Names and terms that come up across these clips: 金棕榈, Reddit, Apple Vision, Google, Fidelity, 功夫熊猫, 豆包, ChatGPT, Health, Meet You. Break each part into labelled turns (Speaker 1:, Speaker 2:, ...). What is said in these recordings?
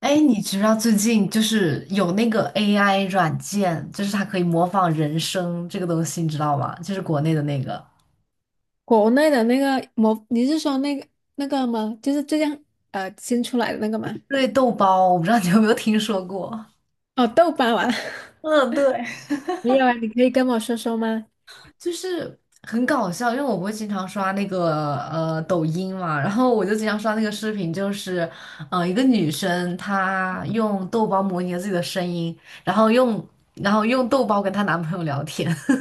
Speaker 1: 哎，你知不知道最近就是有那个 AI 软件，就是它可以模仿人声这个东西，你知道吗？就是国内的那个，
Speaker 2: 国内的那个模，你是说那个吗？就是最近新出来的那个吗？
Speaker 1: 对，豆包，我不知道你有没有听说过，
Speaker 2: 哦，豆包啊，
Speaker 1: 嗯，对，
Speaker 2: 没有啊，你可以跟我说说吗？
Speaker 1: 就是很搞笑，因为我不会经常刷那个抖音嘛，然后我就经常刷那个视频，就是一个女生她用豆包模拟了自己的声音，然后用然后用豆包跟她男朋友聊天，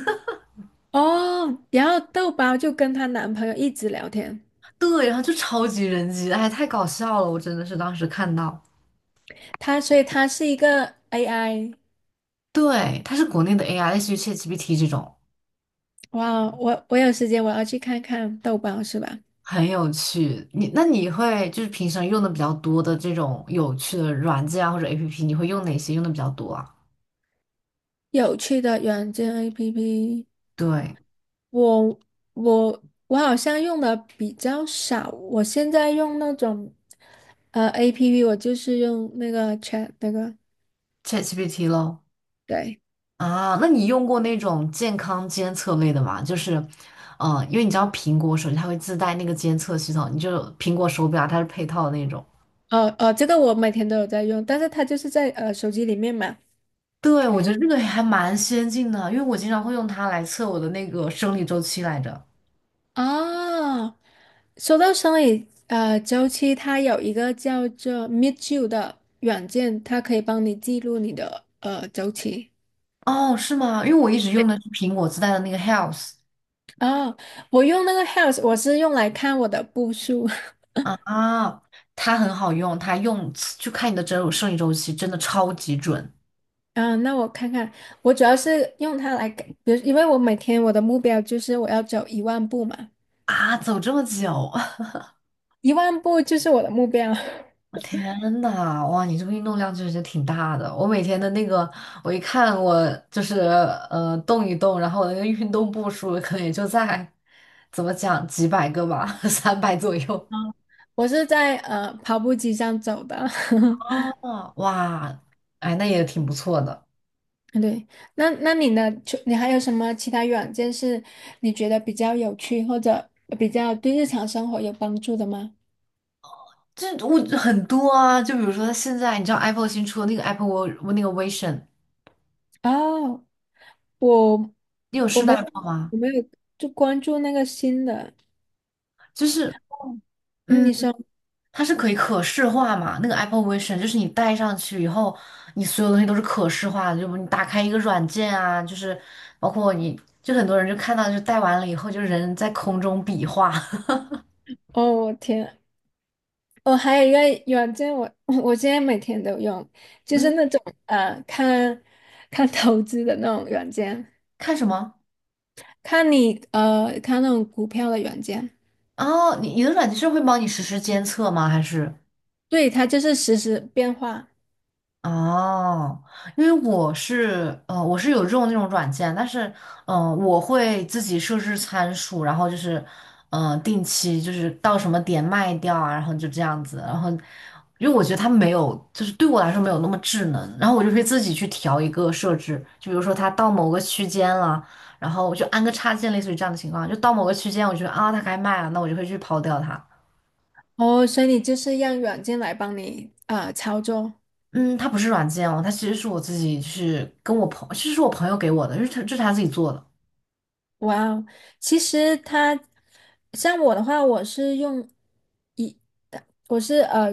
Speaker 2: 哦，然后豆包就跟她男朋友一直聊天，
Speaker 1: 对，然后就超级人机，哎，太搞笑了，我真的是当时看到。
Speaker 2: 所以她是一个 AI。
Speaker 1: 对，它是国内的 AI，类似于 ChatGPT 这种，
Speaker 2: 哇，我有时间我要去看看豆包是吧？
Speaker 1: 很有趣。你那你会就是平常用的比较多的这种有趣的软件啊或者 APP，你会用哪些用的比较多啊？
Speaker 2: 有趣的软件 APP,
Speaker 1: 对
Speaker 2: 我我好像用的比较少，我现在用那种APP,我就是用那个 Chat 那个。
Speaker 1: ，ChatGPT 喽。
Speaker 2: 对，
Speaker 1: 啊，那你用过那种健康监测类的吗？就是，因为你知道苹果手机它会自带那个监测系统，你就苹果手表它是配套的那种。
Speaker 2: 哦哦，这个我每天都有在用，但是它就是在手机里面嘛。
Speaker 1: 对，我觉得这个还蛮先进的，因为我经常会用它来测我的那个生理周期来着。
Speaker 2: 哦，说到生理周期，它有一个叫做 Meet You 的软件，它可以帮你记录你的周期。
Speaker 1: 哦，是吗？因为我一直用的是苹果自带的那个 Health。
Speaker 2: 哦，我用那个 Health,我是用来看我的步数。
Speaker 1: 啊，它很好用，它用就看你的整周生理周期，真的超级准。
Speaker 2: 嗯，那我看看，我主要是用它来给，比如，因为我每天我的目标就是我要走一万步嘛，
Speaker 1: 啊！走这么久，
Speaker 2: 一万步就是我的目标。
Speaker 1: 天呐，哇，你这个运动量确实挺大的。我每天的那个，我一看我就是动一动，然后我的那个运动步数可能也就在怎么讲几百个吧，三百左右。
Speaker 2: 我是在跑步机上走的。
Speaker 1: 哦，哇，哎，那也挺不错的。
Speaker 2: 对，那那你呢？除你还有什么其他软件是你觉得比较有趣或者比较对日常生活有帮助的吗？
Speaker 1: 这我很多啊，就比如说现在你知道 Apple 新出的那个 Apple 我那个 Vision，
Speaker 2: 哦，我
Speaker 1: 你有
Speaker 2: 我
Speaker 1: 试
Speaker 2: 没
Speaker 1: 戴
Speaker 2: 有
Speaker 1: 过吗？
Speaker 2: 我没有就关注那个新的。
Speaker 1: 就是
Speaker 2: 嗯，
Speaker 1: 嗯，
Speaker 2: 你说，
Speaker 1: 它是可以可视化嘛，那个 Apple Vision 就是你戴上去以后，你所有东西都是可视化的，就你打开一个软件啊，就是包括你就很多人就看到就戴完了以后，就人在空中比划，
Speaker 2: 哦，我天，我还有一个软件我，我现在每天都用，就
Speaker 1: 嗯，
Speaker 2: 是那种呃，看看投资的那种软件，
Speaker 1: 看什么？
Speaker 2: 看你，看那种股票的软件。
Speaker 1: 哦，你你的软件是会帮你实时监测吗？还是？
Speaker 2: 对，它就是实时变化
Speaker 1: 哦，因为我是，我是有用那种软件，但是我会自己设置参数，然后就是定期就是到什么点卖掉啊，然后就这样子，然后因为我觉得它没有，就是对我来说没有那么智能，然后我就会自己去调一个设置，就比如说它到某个区间了，然后我就安个插件，类似于这样的情况，就到某个区间，我觉得啊它该卖了，那我就会去抛掉它。
Speaker 2: 哦，所以你就是让软件来帮你啊、操作。
Speaker 1: 嗯，它不是软件哦，它其实是我自己去跟我朋，其实是我朋友给我的，就是他这是他自己做的
Speaker 2: 哇哦，其实它像我的话，我是用一，我是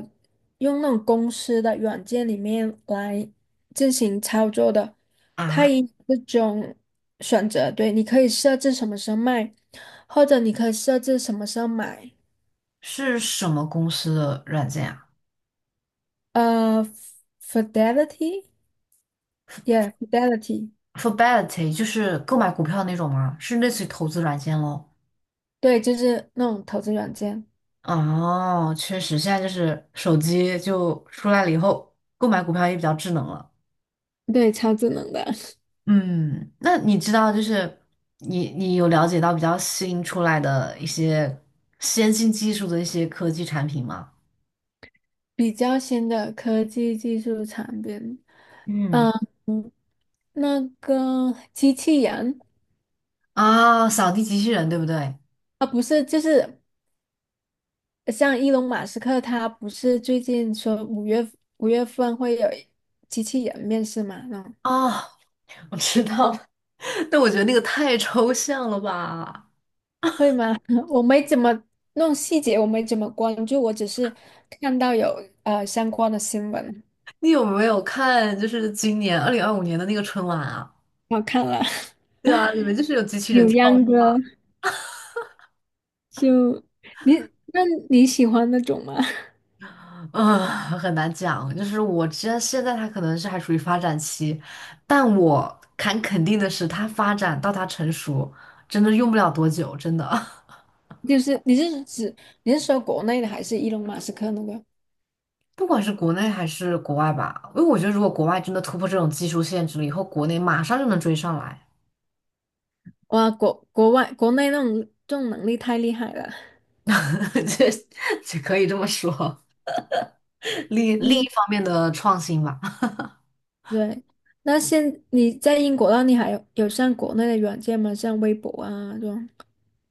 Speaker 2: 用那种公司的软件里面来进行操作的。它
Speaker 1: 啊。
Speaker 2: 也有这种选择，对，你可以设置什么时候卖，或者你可以设置什么时候买。
Speaker 1: 是什么公司的软件啊
Speaker 2: 呃，Fidelity，yeah，Fidelity。
Speaker 1: ？Fidelity 就是购买股票那种吗？是类似于投资软件咯。
Speaker 2: 对，就是那种投资软件，
Speaker 1: 哦，确实，现在就是手机就出来了以后，购买股票也比较智能了。
Speaker 2: 对，超智能的。
Speaker 1: 嗯，那你知道就是你你有了解到比较新出来的一些先进技术的一些科技产品吗？
Speaker 2: 比较新的科技技术产品。嗯，
Speaker 1: 嗯，
Speaker 2: 那个机器人
Speaker 1: 啊，扫地机器人对不对？
Speaker 2: 啊，不是，就是像伊隆马斯克，他不是最近说五月份会有机器人面试嘛？嗯，
Speaker 1: 啊，我知道了 但我觉得那个太抽象了吧？
Speaker 2: 会吗？我没怎么弄细节，我没怎么关注，我只是看到有相关的新闻。
Speaker 1: 你有没有看就是今年2025年的那个春晚啊？
Speaker 2: 我看了，
Speaker 1: 对啊，里面就是有机器人
Speaker 2: 扭
Speaker 1: 跳舞，
Speaker 2: 秧歌就你，那你喜欢那种吗？
Speaker 1: 嗯，很难讲。就是我知道现在它可能是还处于发展期，但我敢肯定的是，它发展到它成熟，真的用不了多久，真的。
Speaker 2: 就是你是说国内的还是伊隆马斯克那个？
Speaker 1: 不管是国内还是国外吧，因为我觉得如果国外真的突破这种技术限制了以后，国内马上就能追上来，
Speaker 2: 哇，国外国内那种这种能力太厉害了。
Speaker 1: 这这可以这么说。另一
Speaker 2: 嗯，
Speaker 1: 方面的创新吧。
Speaker 2: 对。那现你在英国那你还有有上国内的软件吗？像微博啊这种？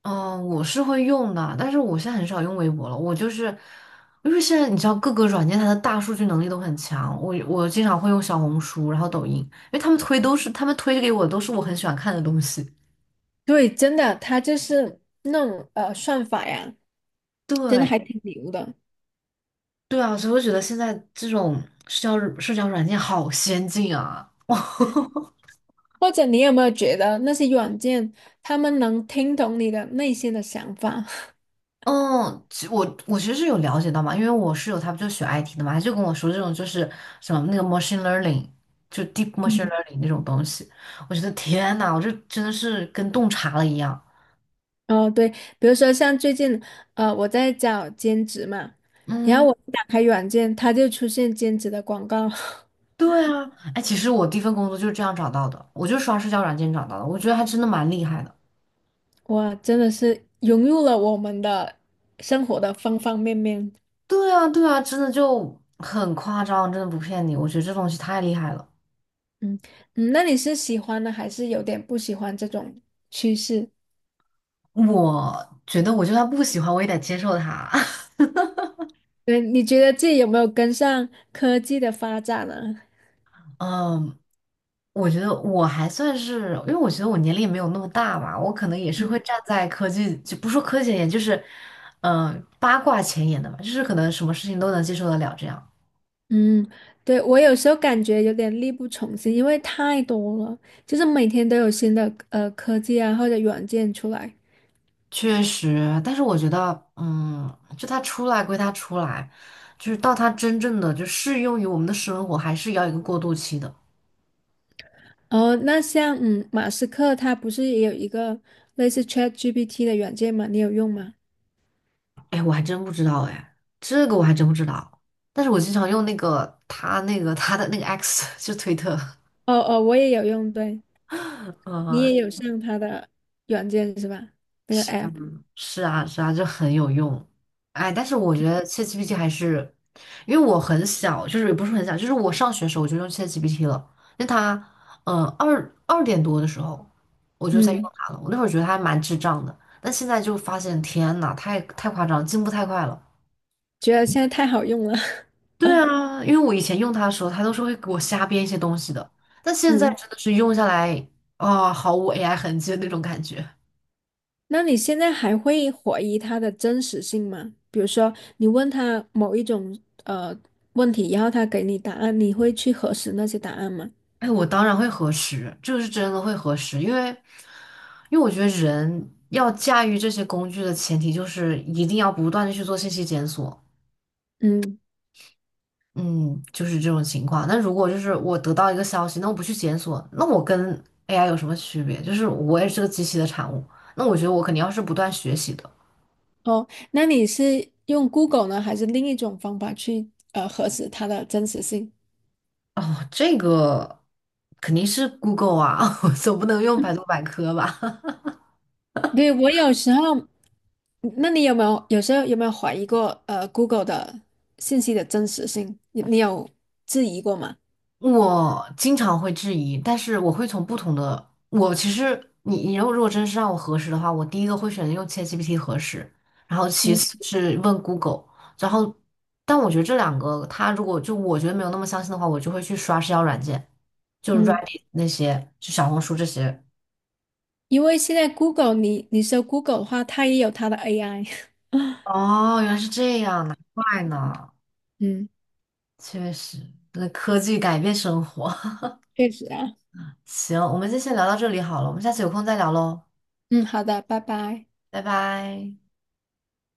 Speaker 1: 嗯，我是会用的，但是我现在很少用微博了。我就是，因为现在你知道各个软件它的大数据能力都很强，我经常会用小红书，然后抖音，因为他们推都是他们推给我都是我很喜欢看的东西。
Speaker 2: 对，真的，他就是那种算法呀，真的
Speaker 1: 对
Speaker 2: 还挺牛的。
Speaker 1: 对啊，所以我觉得现在这种社交软件好先进啊！
Speaker 2: 或者你有没有觉得那些软件，他们能听懂你的内心的想法？
Speaker 1: 嗯，我其实是有了解到嘛，因为我室友他不就学 IT 的嘛，他就跟我说这种就是什么那个 machine learning，就 deep machine learning 那种东西，我觉得天呐，我这真的是跟洞察了一样。
Speaker 2: 哦，对，比如说像最近，呃，我在找兼职嘛，然后
Speaker 1: 嗯，
Speaker 2: 我一打开软件，它就出现兼职的广告，
Speaker 1: 对啊，哎，其实我第一份工作就是这样找到的，我就是刷社交软件找到的，我觉得还真的蛮厉害的。
Speaker 2: 哇，真的是融入了我们的生活的方方面面。
Speaker 1: 对啊，对啊，真的就很夸张，真的不骗你，我觉得这东西太厉害了。
Speaker 2: 嗯嗯，那你是喜欢呢，还是有点不喜欢这种趋势？
Speaker 1: 我觉得我就算不喜欢，我也得接受它。
Speaker 2: 对，你觉得自己有没有跟上科技的发展呢？
Speaker 1: 嗯，我觉得我还算是，因为我觉得我年龄也没有那么大嘛，我可能也是会
Speaker 2: 嗯
Speaker 1: 站在科技，就不说科技前沿，就是，嗯、八卦前沿的嘛，就是可能什么事情都能接受得了这样。
Speaker 2: 嗯，对，我有时候感觉有点力不从心，因为太多了，就是每天都有新的科技啊或者软件出来。
Speaker 1: 确实，但是我觉得，嗯，就它出来归它出来，就是到它真正的就适用于我们的生活，还是要一个过渡期的。
Speaker 2: 哦，那像嗯，马斯克他不是也有一个类似 ChatGPT 的软件吗？你有用吗？
Speaker 1: 哎，我还真不知道，哎，这个我还真不知道。但是我经常用那个他的那个 X，就推特，
Speaker 2: 哦哦，我也有用，对，你
Speaker 1: 嗯。
Speaker 2: 也有上他的软件是吧？那个 app,
Speaker 1: 是啊，是啊，就很有用。哎，但是我觉得切 h a t g p t 还是，因为我很小，就是也不是很小，就是我上学的时候我就用切 h a t g p t 了。那它，二点多的时候我就在用
Speaker 2: 嗯，
Speaker 1: 它了。我那会儿觉得它还蛮智障的，但现在就发现，天呐，太夸张了进步太快了。
Speaker 2: 觉得现在太好用了。
Speaker 1: 对 啊，因为我以前用它的时候，它都是会给我瞎编一些东西的，但现在
Speaker 2: 嗯，
Speaker 1: 真的是用下来，毫无 AI 痕迹的那种感觉。
Speaker 2: 那你现在还会怀疑它的真实性吗？比如说，你问他某一种呃问题，然后他给你答案，你会去核实那些答案吗？
Speaker 1: 哎，我当然会核实，这个是真的会核实，因为，因为我觉得人要驾驭这些工具的前提就是一定要不断的去做信息检索，
Speaker 2: 嗯。
Speaker 1: 嗯，就是这种情况。那如果就是我得到一个消息，那我不去检索，那我跟 AI 有什么区别？就是我也是个机器的产物，那我觉得我肯定要是不断学习的。
Speaker 2: 哦，那你是用 Google 呢，还是另一种方法去核实它的真实性？
Speaker 1: 哦，这个肯定是 Google 啊，我总不能用百度百科吧？
Speaker 2: 对，我有时候，那你有没有怀疑过Google 的信息的真实性？你有质疑过吗？
Speaker 1: 我经常会质疑，但是我会从不同的，我其实你如果真是让我核实的话，我第一个会选择用 ChatGPT 核实，然后其
Speaker 2: 嗯
Speaker 1: 次是问 Google，然后但我觉得这两个，它如果就我觉得没有那么相信的话，我就会去刷社交软件，就
Speaker 2: 嗯，
Speaker 1: Reddit 那些，就小红书这些。
Speaker 2: 因为现在 Google 你搜 Google 的话，它也有它的 AI。
Speaker 1: 哦，原来是这样，难怪呢，
Speaker 2: 嗯，
Speaker 1: 确实，那科技改变生活。
Speaker 2: 确实啊。
Speaker 1: 行，我们就先聊到这里好了，我们下次有空再聊喽，
Speaker 2: 嗯，好的，拜拜。
Speaker 1: 拜拜。